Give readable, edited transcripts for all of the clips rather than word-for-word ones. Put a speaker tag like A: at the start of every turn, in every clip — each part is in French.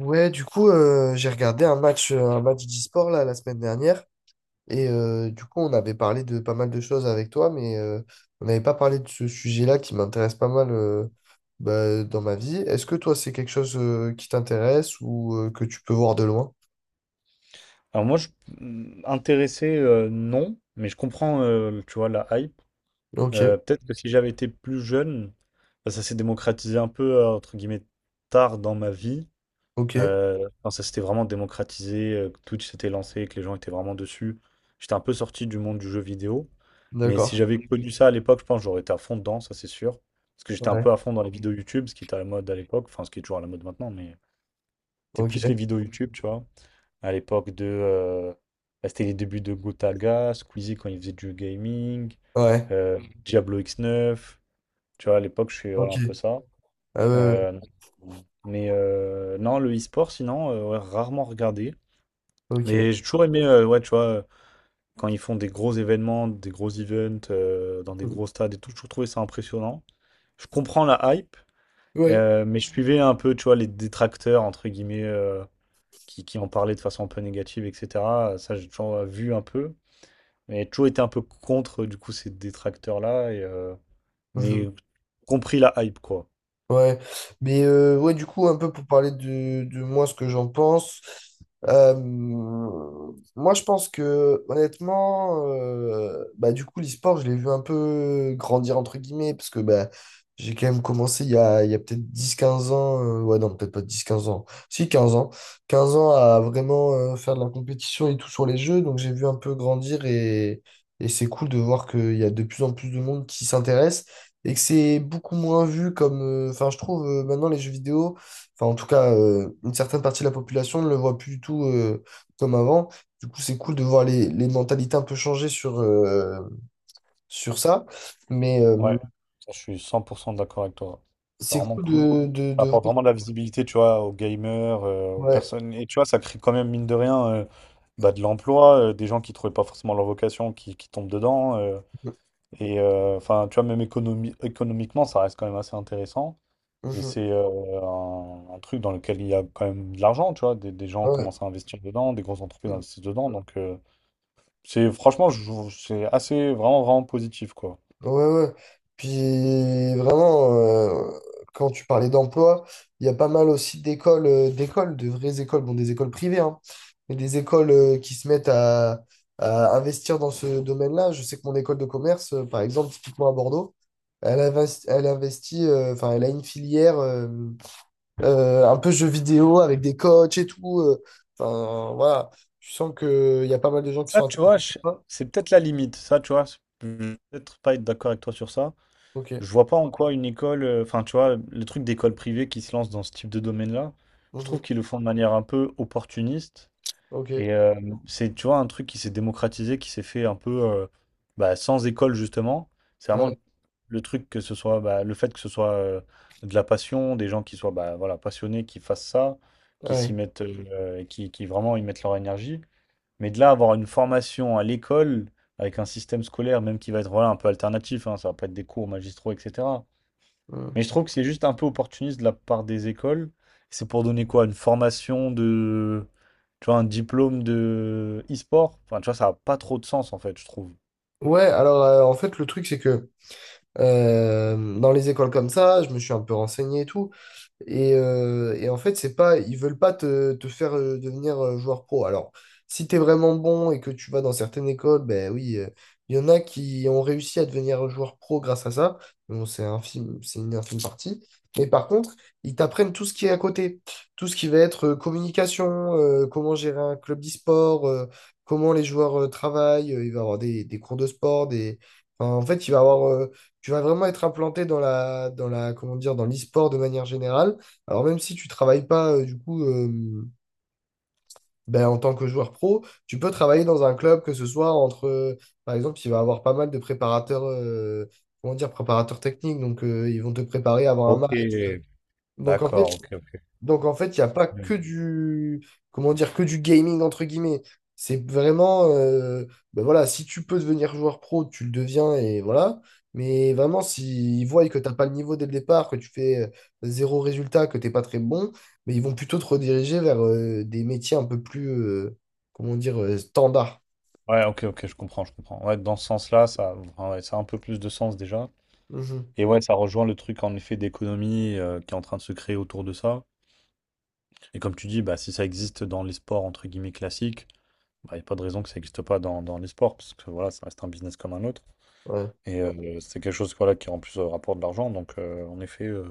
A: Ouais, du coup, j'ai regardé un match d'e-sport là, la semaine dernière. Et du coup, on avait parlé de pas mal de choses avec toi, mais on n'avait pas parlé de ce sujet-là qui m'intéresse pas mal bah, dans ma vie. Est-ce que toi, c'est quelque chose qui t'intéresse ou que tu peux voir de loin?
B: Alors moi, intéressé, non, mais je comprends, tu vois, la hype.
A: Ok,
B: Peut-être que si j'avais été plus jeune, bah, ça s'est démocratisé un peu, entre guillemets, tard dans ma vie.
A: ok,
B: Quand ça s'était vraiment démocratisé, que Twitch s'était lancé, que les gens étaient vraiment dessus. J'étais un peu sorti du monde du jeu vidéo. Mais si
A: d'accord.
B: j'avais connu ça à l'époque, je pense que j'aurais été à fond dedans, ça c'est sûr. Parce que j'étais un
A: Ouais,
B: peu à fond dans les vidéos YouTube, ce qui était à la mode à l'époque, enfin ce qui est toujours à la mode maintenant, mais c'était plus les
A: ok,
B: vidéos YouTube, tu vois à l'époque de. Bah, c'était les débuts de Gotaga, Squeezie quand il faisait du gaming,
A: ouais,
B: Mhm. Diablo X9. Tu vois, à l'époque, je suis
A: ok,
B: voilà, un peu ça.
A: ah ouais,
B: Euh, mais non, le e-sport, sinon, ouais, rarement regardé.
A: ouais, ok.
B: Mais j'ai toujours aimé, ouais, tu vois, quand ils font des gros événements, des gros events, dans des gros stades et tout, j'ai toujours trouvé ça impressionnant. Je comprends la hype,
A: Ouais.
B: mais je suivais un peu, tu vois, les détracteurs, entre guillemets, qui en parlaient de façon un peu négative, et cetera. Ça, j'ai toujours, vu un peu, mais j'ai toujours été un peu contre, du coup, ces détracteurs-là mais compris la hype, quoi.
A: Ouais, mais ouais, du coup, un peu pour parler de moi, ce que j'en pense. euh, Moi, je pense que, honnêtement, bah, du coup, l'e-sport, je l'ai vu un peu grandir, entre guillemets, parce que bah, j'ai quand même commencé il y a peut-être dix quinze ans. Ouais, non, peut-être pas dix quinze ans. Si, 15 ans. 15 ans à vraiment faire de la compétition et tout sur les jeux. Donc, j'ai vu un peu grandir, et c'est cool de voir qu'il y a de plus en plus de monde qui s'intéresse et que c'est beaucoup moins vu comme. Enfin, je trouve maintenant les jeux vidéo, enfin en tout cas une certaine partie de la population ne le voit plus du tout comme avant. Du coup, c'est cool de voir les mentalités un peu changer sur ça. Mais
B: Ouais, ça, je suis 100% d'accord avec toi. C'est
A: c'est
B: vraiment
A: cool
B: cool.
A: de, de,
B: Ça
A: de
B: apporte
A: voir...
B: vraiment de la visibilité, tu vois, aux gamers, aux
A: Ouais.
B: personnes. Et tu vois, ça crée quand même, mine de rien, bah, de l'emploi, des gens qui trouvaient pas forcément leur vocation, qui tombent dedans. Enfin, tu vois, même économiquement, ça reste quand même assez intéressant. Et
A: Mhm.
B: c'est un truc dans lequel il y a quand même de l'argent, tu vois. Des gens
A: Ouais.
B: commencent à investir dedans, des grosses entreprises
A: Mmh.
B: investissent dedans. Donc, c'est franchement, c'est assez vraiment, vraiment positif, quoi.
A: Ouais, ouais. Puis vraiment, quand tu parlais d'emploi, il y a pas mal aussi d'écoles, de vraies écoles, bon, des écoles privées, hein, mais des écoles qui se mettent à investir dans ce domaine-là. Je sais que mon école de commerce, par exemple, typiquement à Bordeaux, elle investit, enfin, elle a une filière un peu jeux vidéo avec des coachs et tout. Enfin, voilà. Tu sens qu'il y a pas mal de gens qui
B: Ça,
A: sont
B: tu
A: intéressés
B: vois,
A: par ça.
B: c'est peut-être la limite. Ça, tu vois, je vais peut-être pas être d'accord avec toi sur ça.
A: Ok.
B: Je vois pas en quoi une école, enfin, tu vois, le truc d'école privée qui se lance dans ce type de domaine-là, je trouve
A: Mhm.
B: qu'ils le font de manière un peu opportuniste.
A: Ok.
B: Et euh, c'est, tu vois, un truc qui s'est démocratisé, qui s'est fait un peu bah, sans école, justement. C'est vraiment
A: Ouais.
B: le truc que ce soit, bah, le fait que ce soit de la passion, des gens qui soient bah, voilà, passionnés, qui fassent ça, qui s'y
A: Ouais.
B: mettent, et qui vraiment y mettent leur énergie. Mais de là, avoir une formation à l'école, avec un système scolaire, même qui va être voilà, un peu alternatif, hein, ça va pas être des cours magistraux, etc.
A: Hmm.
B: Mais je trouve que c'est juste un peu opportuniste de la part des écoles. C'est pour donner quoi? Une formation de. Tu vois, un diplôme de e-sport? Enfin, tu vois, ça n'a pas trop de sens, en fait, je trouve.
A: Ouais, alors en fait, le truc, c'est que dans les écoles comme ça, je me suis un peu renseigné et tout. Et en fait, c'est pas, ils veulent pas te faire devenir joueur pro. Alors, si tu es vraiment bon et que tu vas dans certaines écoles, ben oui, il y en a qui ont réussi à devenir joueur pro grâce à ça. Bon, c'est un film, c'est une infime partie. Mais par contre, ils t'apprennent tout ce qui est à côté. Tout ce qui va être communication, comment gérer un club d'e-sport, comment les joueurs travaillent. Il va y avoir des cours de sport, enfin, en fait, il va y avoir tu vas vraiment être implanté dans la, comment dire, dans l'e-sport de manière générale. Alors même si tu travailles pas du coup ben, en tant que joueur pro, tu peux travailler dans un club que ce soit par exemple, il va avoir pas mal de préparateurs, comment dire, préparateurs techniques, donc ils vont te préparer à avoir un
B: Ok.
A: match. Donc en
B: D'accord,
A: fait,
B: ok, ok.
A: donc en fait, il n'y a pas que du, comment dire, que du gaming entre guillemets. C'est vraiment, ben voilà, si tu peux devenir joueur pro, tu le deviens et voilà. Mais vraiment, s'ils voient que tu n'as pas le niveau dès le départ, que tu fais zéro résultat, que tu n'es pas très bon, mais ils vont plutôt te rediriger vers des métiers un peu plus, comment dire, standards.
B: Ouais, ok, ok, je comprends, je comprends. Ouais, dans ce sens-là, ça, enfin, ouais, ça a un peu plus de sens déjà.
A: Mhm.
B: Et ouais, ça rejoint le truc en effet d'économie, qui est en train de se créer autour de ça. Et comme tu dis, bah, si ça existe dans les sports entre guillemets classiques, il n'y a pas de raison que ça n'existe pas dans les sports, parce que voilà, ça reste un business comme un autre.
A: Ouais,
B: C'est quelque chose voilà, qui en plus, rapporte de l'argent, donc, en effet,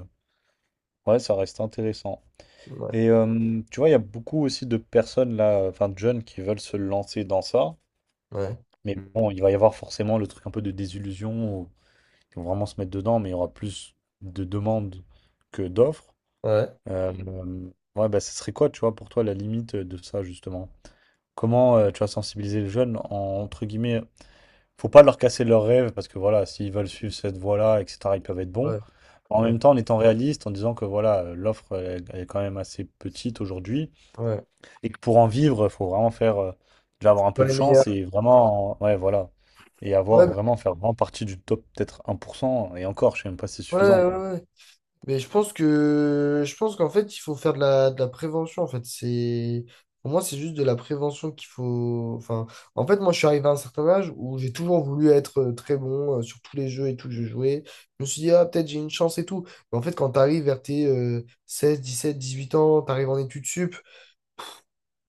B: ouais, ça reste intéressant.
A: ouais,
B: Tu vois, il y a beaucoup aussi de personnes là, enfin de jeunes qui veulent se lancer dans ça,
A: ouais,
B: mais bon, il va y avoir forcément le truc un peu de désillusion, où ils vont vraiment se mettre dedans, mais il y aura plus de demandes que d'offres.
A: ouais,
B: Euh, euh, ouais, bah, ce serait quoi, tu vois, pour toi, la limite de ça, justement? Comment tu vas sensibiliser les jeunes entre guillemets, faut pas leur casser leurs rêves parce que voilà, s'ils veulent suivre cette voie-là, etc., ils peuvent être bons.
A: ouais,
B: En
A: ouais,
B: même temps, en étant réaliste, en disant que voilà, l'offre elle est quand même assez petite aujourd'hui
A: ouais.
B: et que pour en vivre, il faut vraiment faire, déjà avoir un peu
A: Pas
B: de
A: les
B: chance
A: meilleurs.
B: et vraiment, ouais, voilà, et avoir
A: Ouais,
B: vraiment faire vraiment partie du top, peut-être 1%. Et encore, je sais même pas si c'est
A: ouais,
B: suffisant
A: ouais.
B: quoi.
A: Ouais. Mais je pense qu'en fait, il faut faire de la prévention. En fait, c'est pour moi, c'est juste de la prévention qu'il faut. Enfin, en fait, moi, je suis arrivé à un certain âge où j'ai toujours voulu être très bon sur tous les jeux et tout que je jouais. Je me suis dit, ah, peut-être j'ai une chance et tout. Mais en fait, quand tu arrives vers tes 16, 17, 18 ans, tu arrives en études sup,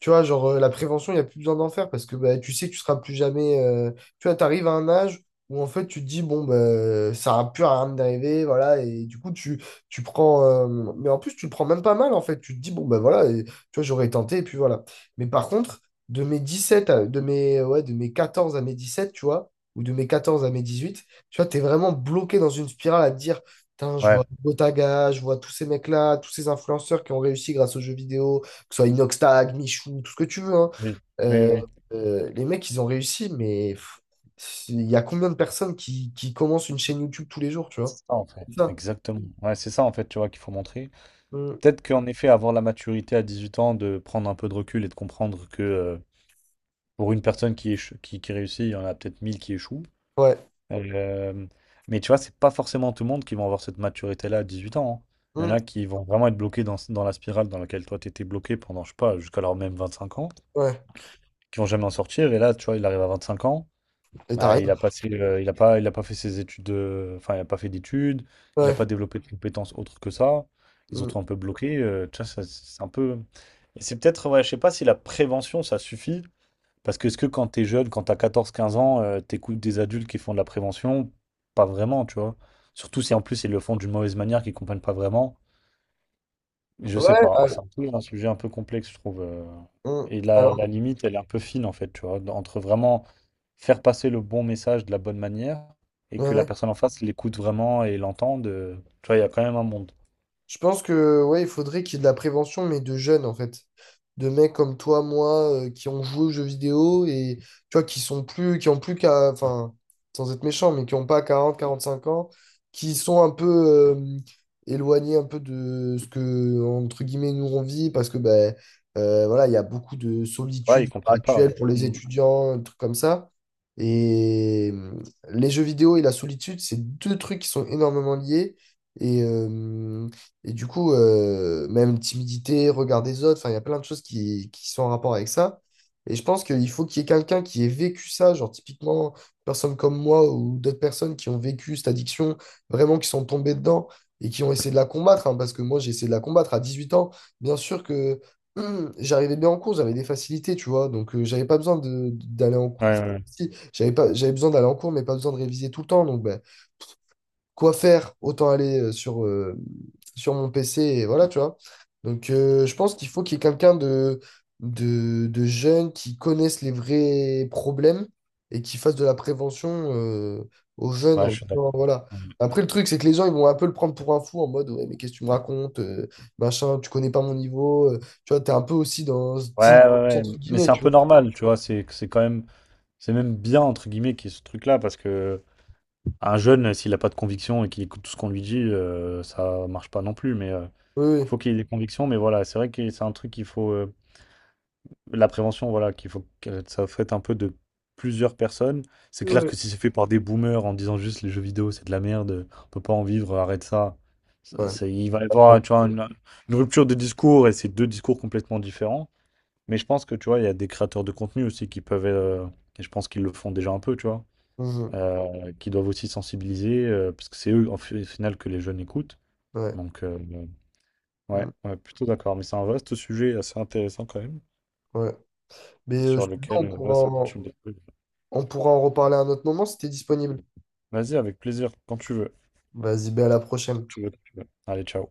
A: tu vois, genre, la prévention, il n'y a plus besoin d'en faire parce que bah, tu sais que tu seras plus jamais. Tu vois, tu arrives à un âge où en fait, tu te dis, bon, bah, ça n'a plus rien d'arriver, voilà. Et du coup, tu prends. Mais en plus, tu le prends même pas mal, en fait. Tu te dis, bon, ben voilà, et, tu vois, j'aurais tenté, et puis voilà. Mais par contre, de mes, ouais, de mes 14 à mes 17, tu vois, ou de mes 14 à mes 18, tu vois, tu es vraiment bloqué dans une spirale à te dire. Putain, je vois
B: Ouais,
A: Botaga, je vois tous ces mecs-là, tous ces influenceurs qui ont réussi grâce aux jeux vidéo, que ce soit Inoxtag, Michou, tout ce que tu veux, hein.
B: oui, oui,
A: Euh,
B: oui.
A: les mecs, ils ont réussi, mais pff, il y a combien de personnes qui commencent une chaîne YouTube tous les jours, tu vois?
B: C'est ça en fait.
A: C'est ça.
B: Exactement. Ouais, c'est ça en fait, tu vois, qu'il faut montrer.
A: Mm.
B: Peut-être qu'en effet, avoir la maturité à 18 ans, de prendre un peu de recul et de comprendre que pour une personne qui réussit, il y en a peut-être 1000 qui échouent.
A: Ouais.
B: Euh, mais tu vois, c'est pas forcément tout le monde qui va avoir cette maturité-là à 18 ans, hein. Il y en
A: Mm.
B: a qui vont vraiment être bloqués dans la spirale dans laquelle toi t'étais bloqué pendant, je sais pas, jusqu'à leur même 25 ans,
A: Ouais.
B: qui vont jamais en sortir. Et là, tu vois, il arrive à 25 ans,
A: Et t'as
B: bah,
A: raison.
B: il a passé, il a pas fait ses études, enfin, il a pas fait d'études, il a
A: Ouais.
B: pas développé de compétences autres que ça. Ils ont
A: Mm.
B: trouvé un peu bloqué. Tu vois, ça, c'est un peu. Et c'est peut-être, ouais, je sais pas si la prévention, ça suffit. Parce que est-ce que quand t'es jeune, quand t'as 14, 15 ans, t'écoutes des adultes qui font de la prévention? Pas vraiment, tu vois. Surtout si en plus ils le font d'une mauvaise manière, qu'ils comprennent pas vraiment. Je sais
A: Ouais.
B: pas.
A: Ah,
B: C'est un peu un sujet un peu complexe, je trouve.
A: mm.
B: Et la,
A: Alors,
B: la limite, elle est un peu fine, en fait, tu vois, entre vraiment faire passer le bon message de la bonne manière et
A: ouais.
B: que la
A: Ouais.
B: personne en face l'écoute vraiment et l'entende, tu vois, il y a quand même un monde.
A: Je pense que ouais, il faudrait qu'il y ait de la prévention, mais de jeunes en fait. De mecs comme toi, moi, qui ont joué aux jeux vidéo et tu vois, qui sont plus, qui ont plus qu'à, enfin, sans être méchant, mais qui n'ont pas quarante quarante cinq ans, qui sont un peu euh, éloignés un peu de ce que, entre guillemets, nous on vit, parce que ben voilà, il y a beaucoup de
B: Ouais,
A: solitude
B: ils comprennent pas, ouais.
A: actuelle pour les
B: Mmh.
A: étudiants, des trucs comme ça. Et les jeux vidéo et la solitude, c'est deux trucs qui sont énormément liés. Et euh, et du coup, même timidité, regard des autres, enfin, il y a plein de choses qui sont en rapport avec ça. Et je pense qu'il faut qu'il y ait quelqu'un qui ait vécu ça, genre typiquement, une personne comme moi ou d'autres personnes qui ont vécu cette addiction, vraiment qui sont tombées dedans et qui ont essayé de la combattre, hein, parce que moi, j'ai essayé de la combattre à 18 ans. Bien sûr que j'arrivais bien en cours, j'avais des facilités, tu vois, donc j'avais pas besoin d'aller en cours.
B: Ouais, ouais,
A: Enfin,
B: ouais.
A: si, j'avais pas, j'avais besoin d'aller en cours, mais pas besoin de réviser tout le temps, donc bah, quoi faire, autant aller sur mon PC et voilà, tu vois. Donc, je pense qu'il faut qu'il y ait quelqu'un de jeune qui connaisse les vrais problèmes et qui fasse de la prévention euh, aux jeunes
B: Ouais,
A: en
B: je suis d'accord.
A: disant, voilà.
B: Mmh.
A: Après, le truc, c'est que les gens, ils vont un peu le prendre pour un fou en mode, ouais, mais qu'est-ce que tu me racontes, machin, tu connais pas mon niveau, tu vois, t'es un peu aussi dans ce team,
B: Ouais, ouais, ouais,
A: entre
B: mais
A: guillemets,
B: c'est un
A: tu
B: peu
A: vois.
B: normal, tu vois? C'est quand même, c'est même «bien» entre guillemets qu'il y ait ce truc-là parce que un jeune, s'il a pas de conviction et qu'il écoute tout ce qu'on lui dit, ça marche pas non plus mais il
A: Oui,
B: faut qu'il ait des convictions mais voilà, c'est vrai que c'est un truc qu'il faut, la prévention, voilà, qu'il faut que ça fasse un peu de plusieurs personnes. C'est
A: oui.
B: clair
A: Ouais.
B: que si c'est fait par des boomers en disant juste les jeux vidéo, c'est de la merde, on peut pas en vivre, arrête ça.
A: Ouais.
B: Il va y
A: Pardon.
B: avoir, tu vois, une rupture de discours et c'est deux discours complètement différents. Mais je pense que, tu vois, il y a des créateurs de contenu aussi qui peuvent, et je pense qu'ils le font déjà un peu, tu vois,
A: Mhm.
B: qui doivent aussi sensibiliser, parce que c'est eux, au final, que les jeunes écoutent.
A: Ouais.
B: Donc, ouais,
A: Mhm.
B: ouais, plutôt d'accord. Mais c'est un vaste sujet assez intéressant quand même,
A: Ouais. Mais
B: sur
A: sinon,
B: lequel,
A: on
B: ouais, ça
A: pourra,
B: continue.
A: On pourra en reparler à un autre moment si t'es disponible.
B: Vas-y, avec plaisir, quand tu veux.
A: Vas-y, ben à la prochaine.
B: Tu veux, tu veux. Allez, ciao.